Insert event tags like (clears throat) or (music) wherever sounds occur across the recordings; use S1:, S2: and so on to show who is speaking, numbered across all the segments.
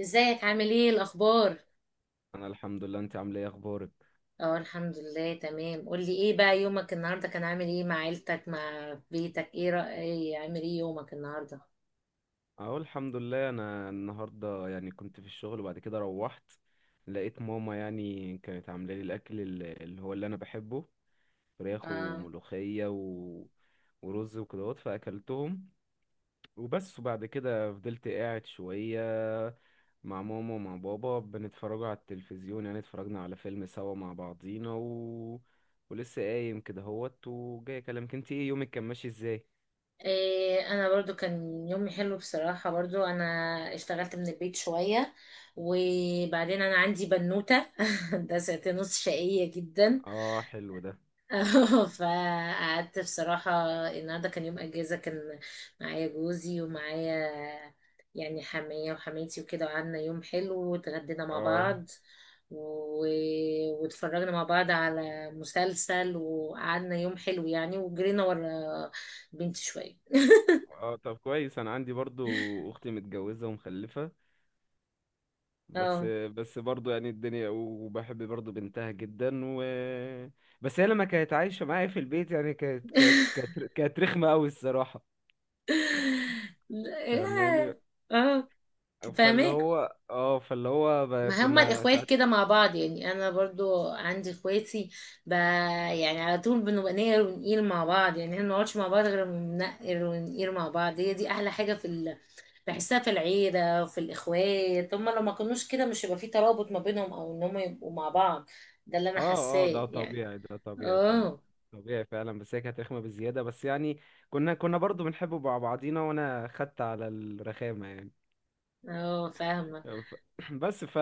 S1: ازيك؟ عامل ايه؟ الاخبار؟
S2: انا الحمد لله. انت عامله ايه؟ اخبارك؟
S1: اه، الحمد لله تمام. قولي ايه بقى، يومك النهارده كان عامل ايه؟ مع عيلتك، مع بيتك، ايه رأي ايه عامل ايه يومك النهارده؟
S2: اهو الحمد لله. انا النهارده كنت في الشغل وبعد كده روحت، لقيت ماما كانت عامله لي الاكل اللي هو اللي انا بحبه. فراخ
S1: اه،
S2: وملوخيه ورز وكدهوت، فاكلتهم وبس. وبعد كده فضلت قاعد شويه مع ماما ومع بابا، بنتفرجوا على التلفزيون. اتفرجنا على فيلم سوا مع بعضينا ولسه قايم كده هوت وجاي اكلمك. انت ايه يومك كان ماشي ازاي؟
S1: إيه، انا برضو كان يومي حلو بصراحة. برضو انا اشتغلت من البيت شوية، وبعدين انا عندي بنوتة (laughs) ده ساعتين ونص، شقية جدا.
S2: اه، حلو ده.
S1: اه (laughs) فقعدت بصراحة. النهاردة كان يوم أجازة، كان معايا جوزي ومعايا يعني حماية وحماتي وكده، وقعدنا يوم حلو واتغدينا مع
S2: اه
S1: بعض و... واتفرجنا مع بعض على مسلسل، وقعدنا يوم حلو يعني، وجرينا ورا بنتي شوية.
S2: اه، طب كويس. انا عندي برضو اختي متجوزة ومخلفة بس،
S1: اه
S2: برضو يعني الدنيا، وبحب برضو بنتها جدا. و بس هي لما كانت عايشة معايا في البيت، يعني كانت رخمة قوي الصراحة،
S1: (laughs) لا،
S2: فاهماني؟
S1: اه،
S2: فاللي
S1: فاهمك.
S2: هو اه فاللي هو ب-
S1: ما هما
S2: كنا
S1: الاخوات
S2: ساعات.
S1: كده مع بعض يعني، انا برضو عندي اخواتي يعني على طول بنبقى نقر ونقيل مع بعض، يعني احنا ما بنقعدش مع بعض غير لما بنقر ونقيل مع بعض. هي دي احلى حاجه بحسها في العيله وفي الاخوات. هما لو ما كانوش كده مش هيبقى في ترابط ما بينهم، او ان هما يبقوا مع بعض. ده اللي انا
S2: اه اه، ده
S1: حاساه يعني.
S2: طبيعي، ده
S1: اه،
S2: طبيعي فعلا. بس هي كانت رخمة بزيادة، بس يعني كنا برضو بنحب مع بعضينا، وانا خدت على الرخامة يعني.
S1: اه، فاهمه.
S2: ف- (clears throat) بس ف...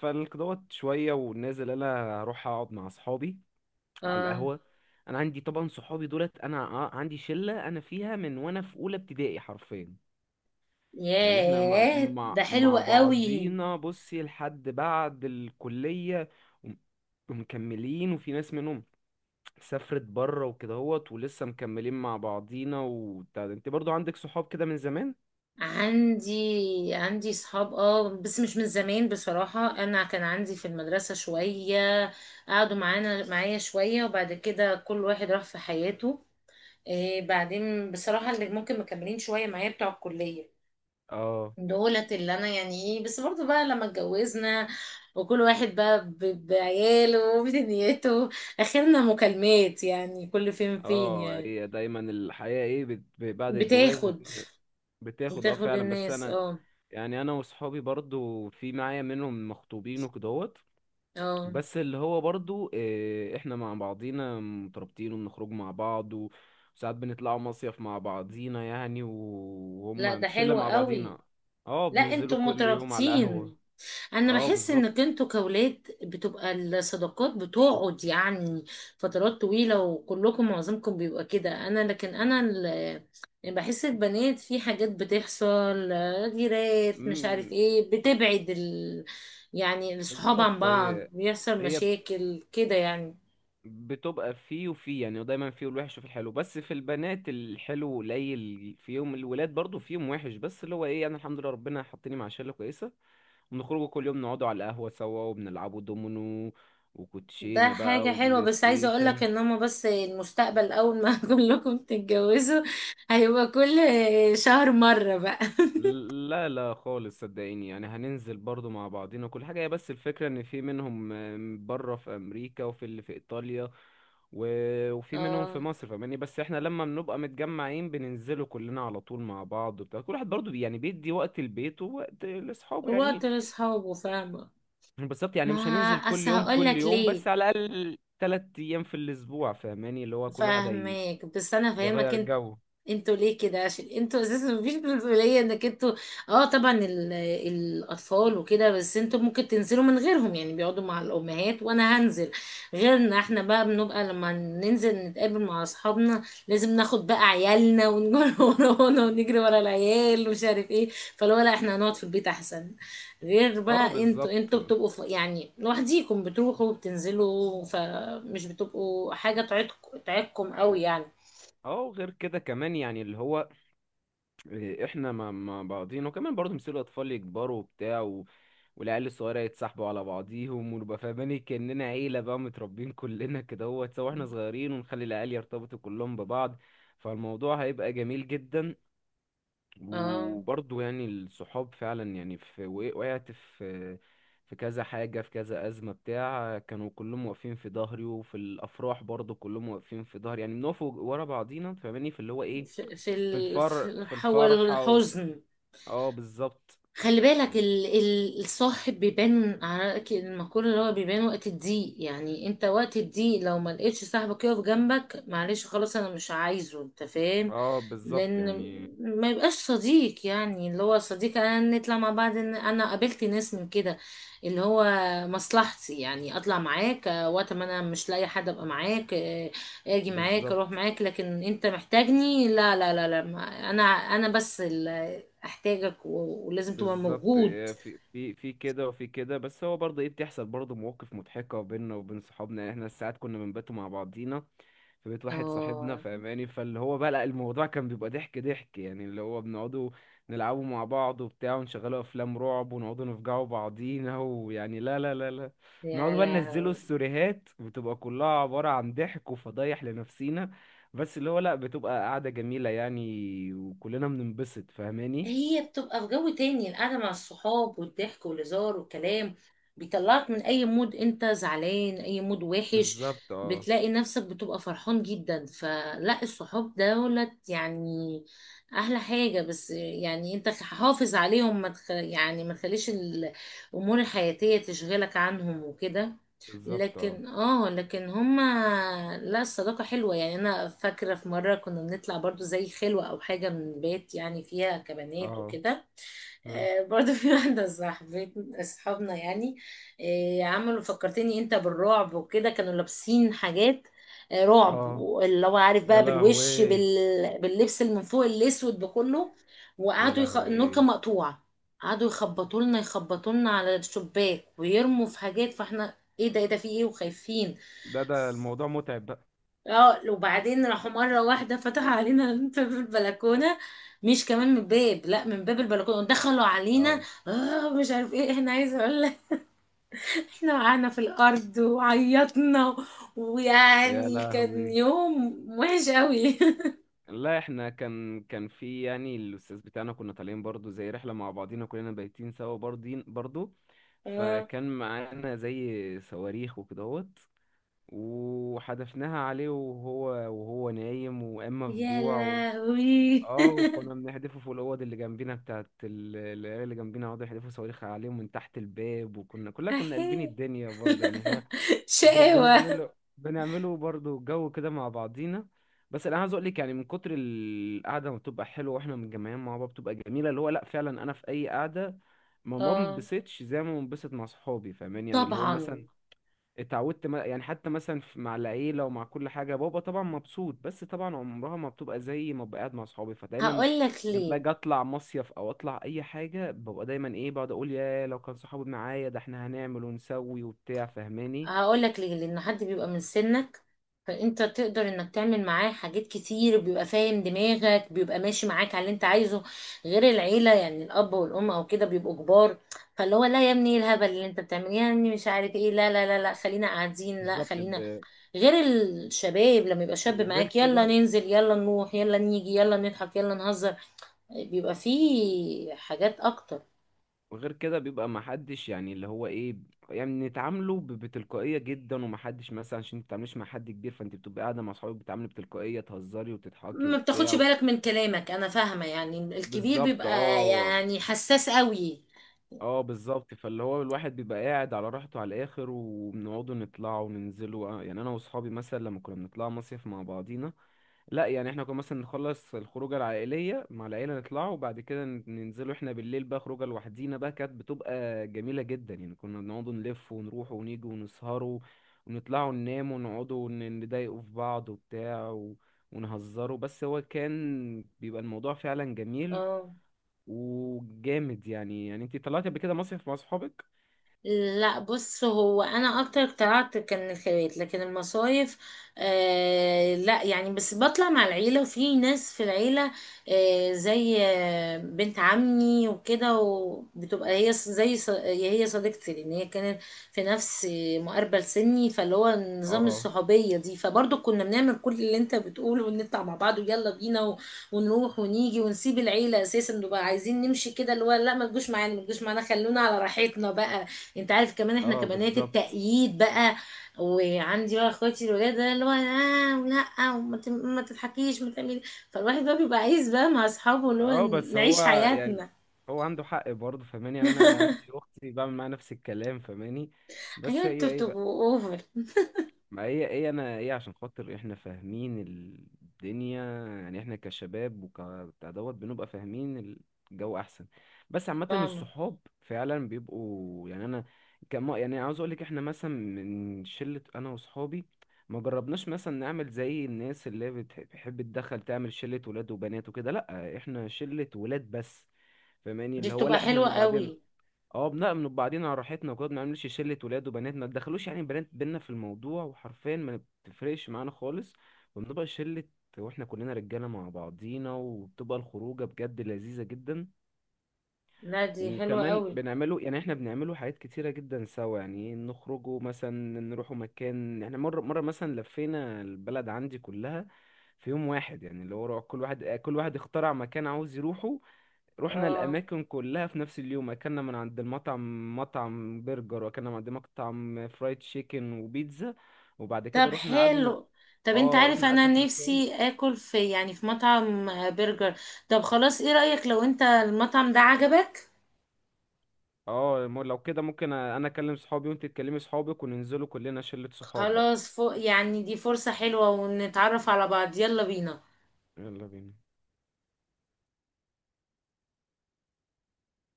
S2: فالقدوات شوية ونازل أنا أروح أقعد مع أصحابي على
S1: اه،
S2: القهوة. أنا عندي طبعا صحابي دولت. أنا عندي شلة أنا فيها من وأنا في أولى ابتدائي حرفيا. يعني إحنا مع
S1: ياه،
S2: مع,
S1: ده حلو
S2: مع
S1: قوي.
S2: بعضينا بصي لحد بعد الكلية وم- ومكملين. وفي ناس منهم سافرت بره وكده هوت، ولسه مكملين مع بعضينا وبتاع ده. أنت برضو عندك صحاب كده من زمان؟
S1: عندي صحاب، اه، بس مش من زمان بصراحة. انا كان عندي في المدرسة شوية، قعدوا معايا شوية، وبعد كده كل واحد راح في حياته. إيه، بعدين بصراحة اللي ممكن مكملين شوية معايا بتوع الكلية،
S2: اه
S1: دولت اللي انا يعني ايه، بس برضو بقى لما اتجوزنا، وكل واحد بقى بعياله وبدنيته، اخرنا مكالمات يعني، كل فين فين
S2: اه،
S1: يعني.
S2: هي دايما الحياة ايه بعد الجواز
S1: بتاخد
S2: بتاخد. اه
S1: بتاخد
S2: فعلا. بس
S1: الناس،
S2: انا
S1: اه،
S2: يعني، انا وصحابي برضو في معايا منهم مخطوبين وكدهوت،
S1: اه.
S2: بس اللي هو برضو آه، احنا مع بعضينا مترابطين وبنخرج مع بعض وساعات بنطلعوا مصيف مع بعضينا،
S1: لا،
S2: وهم
S1: ده
S2: شلة
S1: حلو
S2: مع
S1: قوي.
S2: بعضينا. اه،
S1: لا،
S2: بننزلوا
S1: انتوا
S2: كل يوم على القهوة.
S1: مترابطين. انا
S2: اه
S1: بحس انك
S2: بالظبط.
S1: انتوا كولاد بتبقى الصداقات بتقعد يعني فترات طويلة، وكلكم معظمكم بيبقى كده. انا، لكن انا يعني بحس البنات في حاجات بتحصل، غيرات مش عارف
S2: مم،
S1: ايه، بتبعد يعني الصحاب عن
S2: بالظبط.
S1: بعض،
S2: هي
S1: بيحصل
S2: هي
S1: مشاكل كده يعني.
S2: بتبقى فيه وفيه يعني، ودايما فيه الوحش وفيه الحلو. بس في البنات الحلو قليل فيهم، الولاد برضو فيهم وحش، بس اللي هو ايه، انا الحمد لله ربنا حطني مع شله كويسه. بنخرجوا كل يوم نقعدوا على القهوه سوا، وبنلعبوا دومينو
S1: ده
S2: وكوتشينه
S1: حاجة
S2: بقى
S1: حلوة،
S2: وبلاي
S1: بس عايزة اقولك
S2: ستيشن.
S1: ان هما بس المستقبل، اول ما (laughs) كلكم تتجوزوا هيبقى كل شهر مرة بقى.
S2: لا لا خالص، صدقيني يعني هننزل برضو مع بعضنا كل حاجة. هي بس الفكرة ان في منهم آم، بره في امريكا، وفي اللي في ايطاليا، وفي منهم في
S1: اه،
S2: مصر، فاهماني؟ بس احنا لما بنبقى متجمعين بننزلوا كلنا على طول مع بعض وبتاع. كل واحد برضو يعني بيدي وقت البيت ووقت لاصحابه
S1: وقت
S2: يعني.
S1: لاصحابه، فاهمة.
S2: بالظبط، يعني
S1: ما
S2: مش هننزل كل
S1: اصل
S2: يوم
S1: هقول
S2: كل
S1: لك
S2: يوم،
S1: ليه.
S2: بس على الاقل تلات ايام في الاسبوع، فاهماني؟ اللي هو كل واحد هي
S1: فاهمك، بس انا فاهمك
S2: يغير
S1: انت.
S2: جو.
S1: انتوا ليه كده؟ عشان انتوا اساسا مفيش مسؤولية، انك انتوا اه طبعا الاطفال وكده، بس انتوا ممكن تنزلوا من غيرهم، يعني بيقعدوا مع الامهات. وانا هنزل، غير ان احنا بقى بنبقى لما ننزل نتقابل مع اصحابنا لازم ناخد بقى عيالنا، ونجري (laughs) ورانا، ونجري ورا العيال ومش عارف ايه. فلو لا، احنا هنقعد في البيت احسن. غير
S2: اه
S1: بقى، انتوا
S2: بالظبط.
S1: انتوا بتبقوا يعني لوحديكم بتروحوا وبتنزلوا، فمش بتبقوا حاجة تعيدكم تعيدكم
S2: و-
S1: قوي يعني.
S2: اه، وغير كده كمان يعني اللي هو إيه، احنا ما بعضينا، وكمان برضه مثل الاطفال يكبروا وبتاع، والعيال الصغيره يتسحبوا على بعضيهم، ونبقى فاهمين كاننا عيله بقى، متربين كلنا كده هو سوا احنا صغيرين، ونخلي العيال يرتبطوا كلهم ببعض، فالموضوع هيبقى جميل جدا.
S1: اه،
S2: وبرضه يعني الصحاب فعلا، يعني في وقعت في في كذا حاجه، في كذا ازمه بتاع كانوا كلهم واقفين في ظهري، وفي الافراح برضه كلهم واقفين في ظهري. يعني بنقف ورا بعضينا، فاهماني؟ في اللي هو ايه،
S1: في
S2: في
S1: الحول
S2: الفرحة.
S1: الحزن.
S2: اه بالظبط
S1: خلي بالك،
S2: يعني.
S1: الصاحب بيبان. عارف المقولة اللي هو بيبان وقت الضيق؟ يعني انت وقت الضيق لو ما لقيتش صاحبك يقف جنبك، معلش، خلاص، انا مش عايزه. انت فاهم؟
S2: اه بالظبط
S1: لان
S2: يعني.
S1: ما يبقاش صديق، يعني اللي هو صديق. انا نطلع مع بعض، انا قابلت ناس من كده اللي هو مصلحتي، يعني اطلع معاك آه، وقت ما انا مش لاقي حد ابقى معاك آه، اجي معاك، اروح
S2: بالظبط.
S1: معاك، لكن انت محتاجني؟ لا لا لا لا، انا بس احتاجك، ولازم تبقى
S2: بالظبط
S1: موجود.
S2: إيه، في كده وفي كده. بس هو برضه ايه، بتحصل برضه مواقف مضحكة بيننا وبين صحابنا. يعني احنا ساعات كنا بنباتوا مع بعضينا في بيت واحد صاحبنا،
S1: اه،
S2: فاهماني؟ فاللي هو بقى لا، الموضوع كان بيبقى ضحك ضحك. يعني اللي هو بنقعدوا نلعبوا مع بعض وبتاع، ونشغلوا افلام رعب، ونقعدوا نفجعوا بعضينا، ويعني لا لا لا لا.
S1: يا
S2: نقعدوا بقى ننزلوا
S1: لهوي.
S2: السوريهات، بتبقى كلها عبارة عن ضحك وفضايح لنفسينا. بس اللي هو لا بتبقى قعدة جميلة يعني، وكلنا بننبسط فاهماني؟
S1: هي بتبقى في جو تاني، القعده مع الصحاب والضحك والهزار والكلام بيطلعك من اي مود انت زعلان، اي مود وحش،
S2: بالظبط اه.
S1: بتلاقي نفسك بتبقى فرحان جدا. فلا، الصحاب دولت يعني احلى حاجه. بس يعني انت حافظ عليهم، ما تخ... يعني ما تخليش الامور الحياتيه تشغلك عنهم وكده.
S2: بالظبط. اه
S1: لكن اه، لكن هما، لا، الصداقة حلوة يعني. انا فاكرة في مرة كنا بنطلع برضو زي خلوة او حاجة من بيت، يعني فيها كبنات
S2: اه.
S1: وكده.
S2: مم.
S1: آه، برضه في واحدة صاحبت صحابنا، يعني آه، عملوا فكرتني انت بالرعب، وكده كانوا لابسين حاجات آه، رعب.
S2: اه،
S1: اللي هو عارف
S2: يا
S1: بقى بالوش،
S2: لهوي.
S1: باللبس اللي من فوق الاسود بكله.
S2: يا
S1: وقعدوا النور
S2: لهوي،
S1: كان مقطوع، قعدوا يخبطوا لنا، يخبطوا لنا على الشباك، ويرموا في حاجات. فاحنا، ايه ده، ايه ده، في ايه، وخايفين.
S2: ده الموضوع متعب بقى.
S1: اه، وبعدين راحوا مرة واحدة فتحوا علينا (laughs) باب البلكونة. مش كمان من الباب، لا، من باب البلكونة دخلوا علينا.
S2: اه،
S1: اه، مش عارف ايه، احنا عايزة اقول لك، (laughs) احنا وقعنا في الارض وعيطنا.
S2: يا
S1: ويعني كان
S2: لهوي.
S1: يوم وحش قوي.
S2: لا احنا كان في يعني الاستاذ بتاعنا، كنا طالعين برضو زي رحله مع بعضينا كلنا، بايتين سوا برضين برضو.
S1: (laughs) اه،
S2: فكان معانا زي صواريخ وكدهوت، وحدفناها عليه وهو نايم واما في
S1: يا
S2: جوع
S1: لهوي.
S2: اه. وكنا بنحدفه فوق الاوض اللي جنبينا بتاعت العيال. اللي جنبينا قعدوا يحدفوا صواريخ عليهم من تحت الباب، وكنا كلنا
S1: (laughs)
S2: كنا قلبين
S1: احي،
S2: الدنيا برضه يعني.
S1: شقاوة.
S2: بنعمله، بنعمله برضو جو كده مع بعضينا. بس انا عايز اقول لك، يعني من كتر القعده ما بتبقى حلوه واحنا متجمعين مع بعض بتبقى جميله، اللي هو لا فعلا انا في اي قعده ما
S1: اه،
S2: بنبسطش زي ما بنبسط مع صحابي. فاهمين يعني اللي هو
S1: طبعا.
S2: مثلا اتعودت يعني حتى مثلا مع العيله ومع كل حاجه. بابا طبعا مبسوط، بس طبعا عمرها ما بتبقى زي ما ببقى قاعد مع صحابي. فدايما
S1: هقول لك
S2: لما
S1: ليه،
S2: اجي اطلع مصيف او اطلع اي حاجه، ببقى دايما ايه، بقعد اقول يا لو كان صحابي معايا، ده احنا هنعمل ونسوي وبتاع فاهماني؟
S1: هقول لك ليه. لان حد بيبقى من سنك، فانت تقدر انك تعمل معاه حاجات كتير، بيبقى فاهم دماغك، بيبقى ماشي معاك على اللي انت عايزه. غير العيله، يعني الاب والام او كده بيبقوا كبار. فاللي هو لا، يا ابني ايه الهبل اللي انت بتعمليه يا ابني، مش عارف ايه، لا لا لا لا، خلينا قاعدين، لا،
S2: بالظبط.
S1: خلينا. غير الشباب، لما يبقى شاب
S2: وغير
S1: معاك، يلا
S2: كده
S1: ننزل، يلا نروح، يلا نيجي، يلا نضحك، يلا نهزر، بيبقى فيه حاجات اكتر.
S2: وغير كده بيبقى محدش يعني اللي هو ايه، يعني نتعامله بتلقائية جدا. ومحدش مثلا، عشان متتعامليش مع حد كبير، فانت بتبقى قاعدة مع صحابك بتتعاملي بتلقائية، تهزري وتضحكي
S1: ما بتاخدش
S2: وبتاع.
S1: بالك من كلامك. انا فاهمة، يعني الكبير
S2: بالظبط
S1: بيبقى
S2: اه.
S1: يعني حساس قوي.
S2: اه بالظبط. فاللي هو الواحد بيبقى قاعد على راحته على الاخر، وبنقعدوا نطلعوا وننزلوا آه، يعني انا واصحابي مثلا لما كنا بنطلع مصيف مع بعضينا، لا يعني احنا كنا مثلا نخلص الخروجه العائليه مع العيله، نطلعوا وبعد كده ننزلوا احنا بالليل بقى خروجه لوحدينا بقى. كانت بتبقى جميله جدا يعني. كنا بنقعدوا نلف ونروح ونيجي ونسهروا، ونطلعوا ننام، ونقعدوا نضايقوا في بعض وبتاع ونهزروا. بس هو كان بيبقى الموضوع فعلا جميل
S1: اه،
S2: وجامد يعني. يعني انت طلعتي قبل كده مصيف مع صحابك؟
S1: لا، بص، هو انا اكتر اقتنعت كان الخيرات لكن المصايف، آه لا، يعني بس بطلع مع العيله، وفي ناس في العيله آه، زي آه، بنت عمي وكده، وبتبقى هي، هي صديقتي، لان هي كانت في نفس مقاربه لسني. فاللي هو نظام
S2: اه
S1: الصحوبيه دي، فبرضه كنا بنعمل كل اللي انت بتقوله، ونطلع مع بعض ويلا بينا، ونروح ونيجي ونسيب العيله اساسا، نبقى عايزين نمشي كده، اللي هو لا، ما تجوش معانا، ما تجوش معانا، خلونا على راحتنا بقى. انت عارف كمان احنا
S2: اه
S1: كبنات
S2: بالظبط
S1: التأييد بقى، وعندي بقى اخواتي الولاد، ده اللي هو اه، ولا، ما تضحكيش ما تعملي. فالواحد بقى بيبقى عايز بقى مع اصحابه، اللي هو
S2: اه. بس هو
S1: نعيش
S2: يعني
S1: حياتنا.
S2: هو عنده حق برضه، فاهماني؟ يعني انا عندي اختي بعمل معاها نفس الكلام، فاهماني؟
S1: ايوه،
S2: بس
S1: انتوا
S2: هي ايه،
S1: بتبقوا اوفر.
S2: ما هي ايه انا ايه، عشان خاطر احنا فاهمين الدنيا. يعني احنا كشباب وكبتاع دوت بنبقى فاهمين الجو احسن. بس عامة
S1: فاهمة.
S2: الصحاب فعلا بيبقوا، يعني انا كما يعني عاوز اقولك، احنا مثلا من شلة انا وصحابي ما جربناش مثلا نعمل زي الناس اللي بتحب تدخل تعمل شلة ولاد وبنات وكده. لا، احنا شلة ولاد بس، فاهماني؟
S1: دي
S2: اللي هو
S1: بتبقى
S2: لا احنا
S1: حلوة
S2: نبقى بعدين
S1: قوي.
S2: اه بنأمن بعدين على راحتنا وكده. ما بنعملش شلة ولاد وبنات، ما تدخلوش يعني بنات بينا في الموضوع وحرفيا ما بتفرقش معانا خالص. وبنبقى شلة، واحنا كلنا رجالة مع بعضينا، وبتبقى الخروجة بجد لذيذة جدا.
S1: لا، دي حلوة
S2: وكمان
S1: قوي.
S2: بنعمله يعني، احنا بنعمله حاجات كتيرة جدا سوا. يعني نخرجوا مثلا نروحوا مكان. احنا مرة مرة مثلا لفينا البلد عندي كلها في يوم واحد. يعني اللي هو كل واحد اخترع مكان عاوز يروحه، رحنا
S1: اه،
S2: الأماكن كلها في نفس اليوم. أكلنا من عند المطعم، مطعم برجر، وأكلنا من عند مطعم فرايد تشيكن وبيتزا. وبعد
S1: طب
S2: كده رحنا قعدنا.
S1: حلو. طب انت
S2: اه
S1: عارف
S2: رحنا
S1: انا
S2: قعدنا في مكان.
S1: نفسي اكل في، في مطعم آه، برجر. طب خلاص، ايه رأيك لو انت المطعم ده عجبك؟
S2: اه لو كده ممكن أنا أكلم صحابي وأنت تكلمي صحابك، وننزلوا كلنا شلة صحاب بقى.
S1: خلاص، فوق يعني، دي فرصة حلوة ونتعرف على بعض. يلا بينا.
S2: يلا بينا.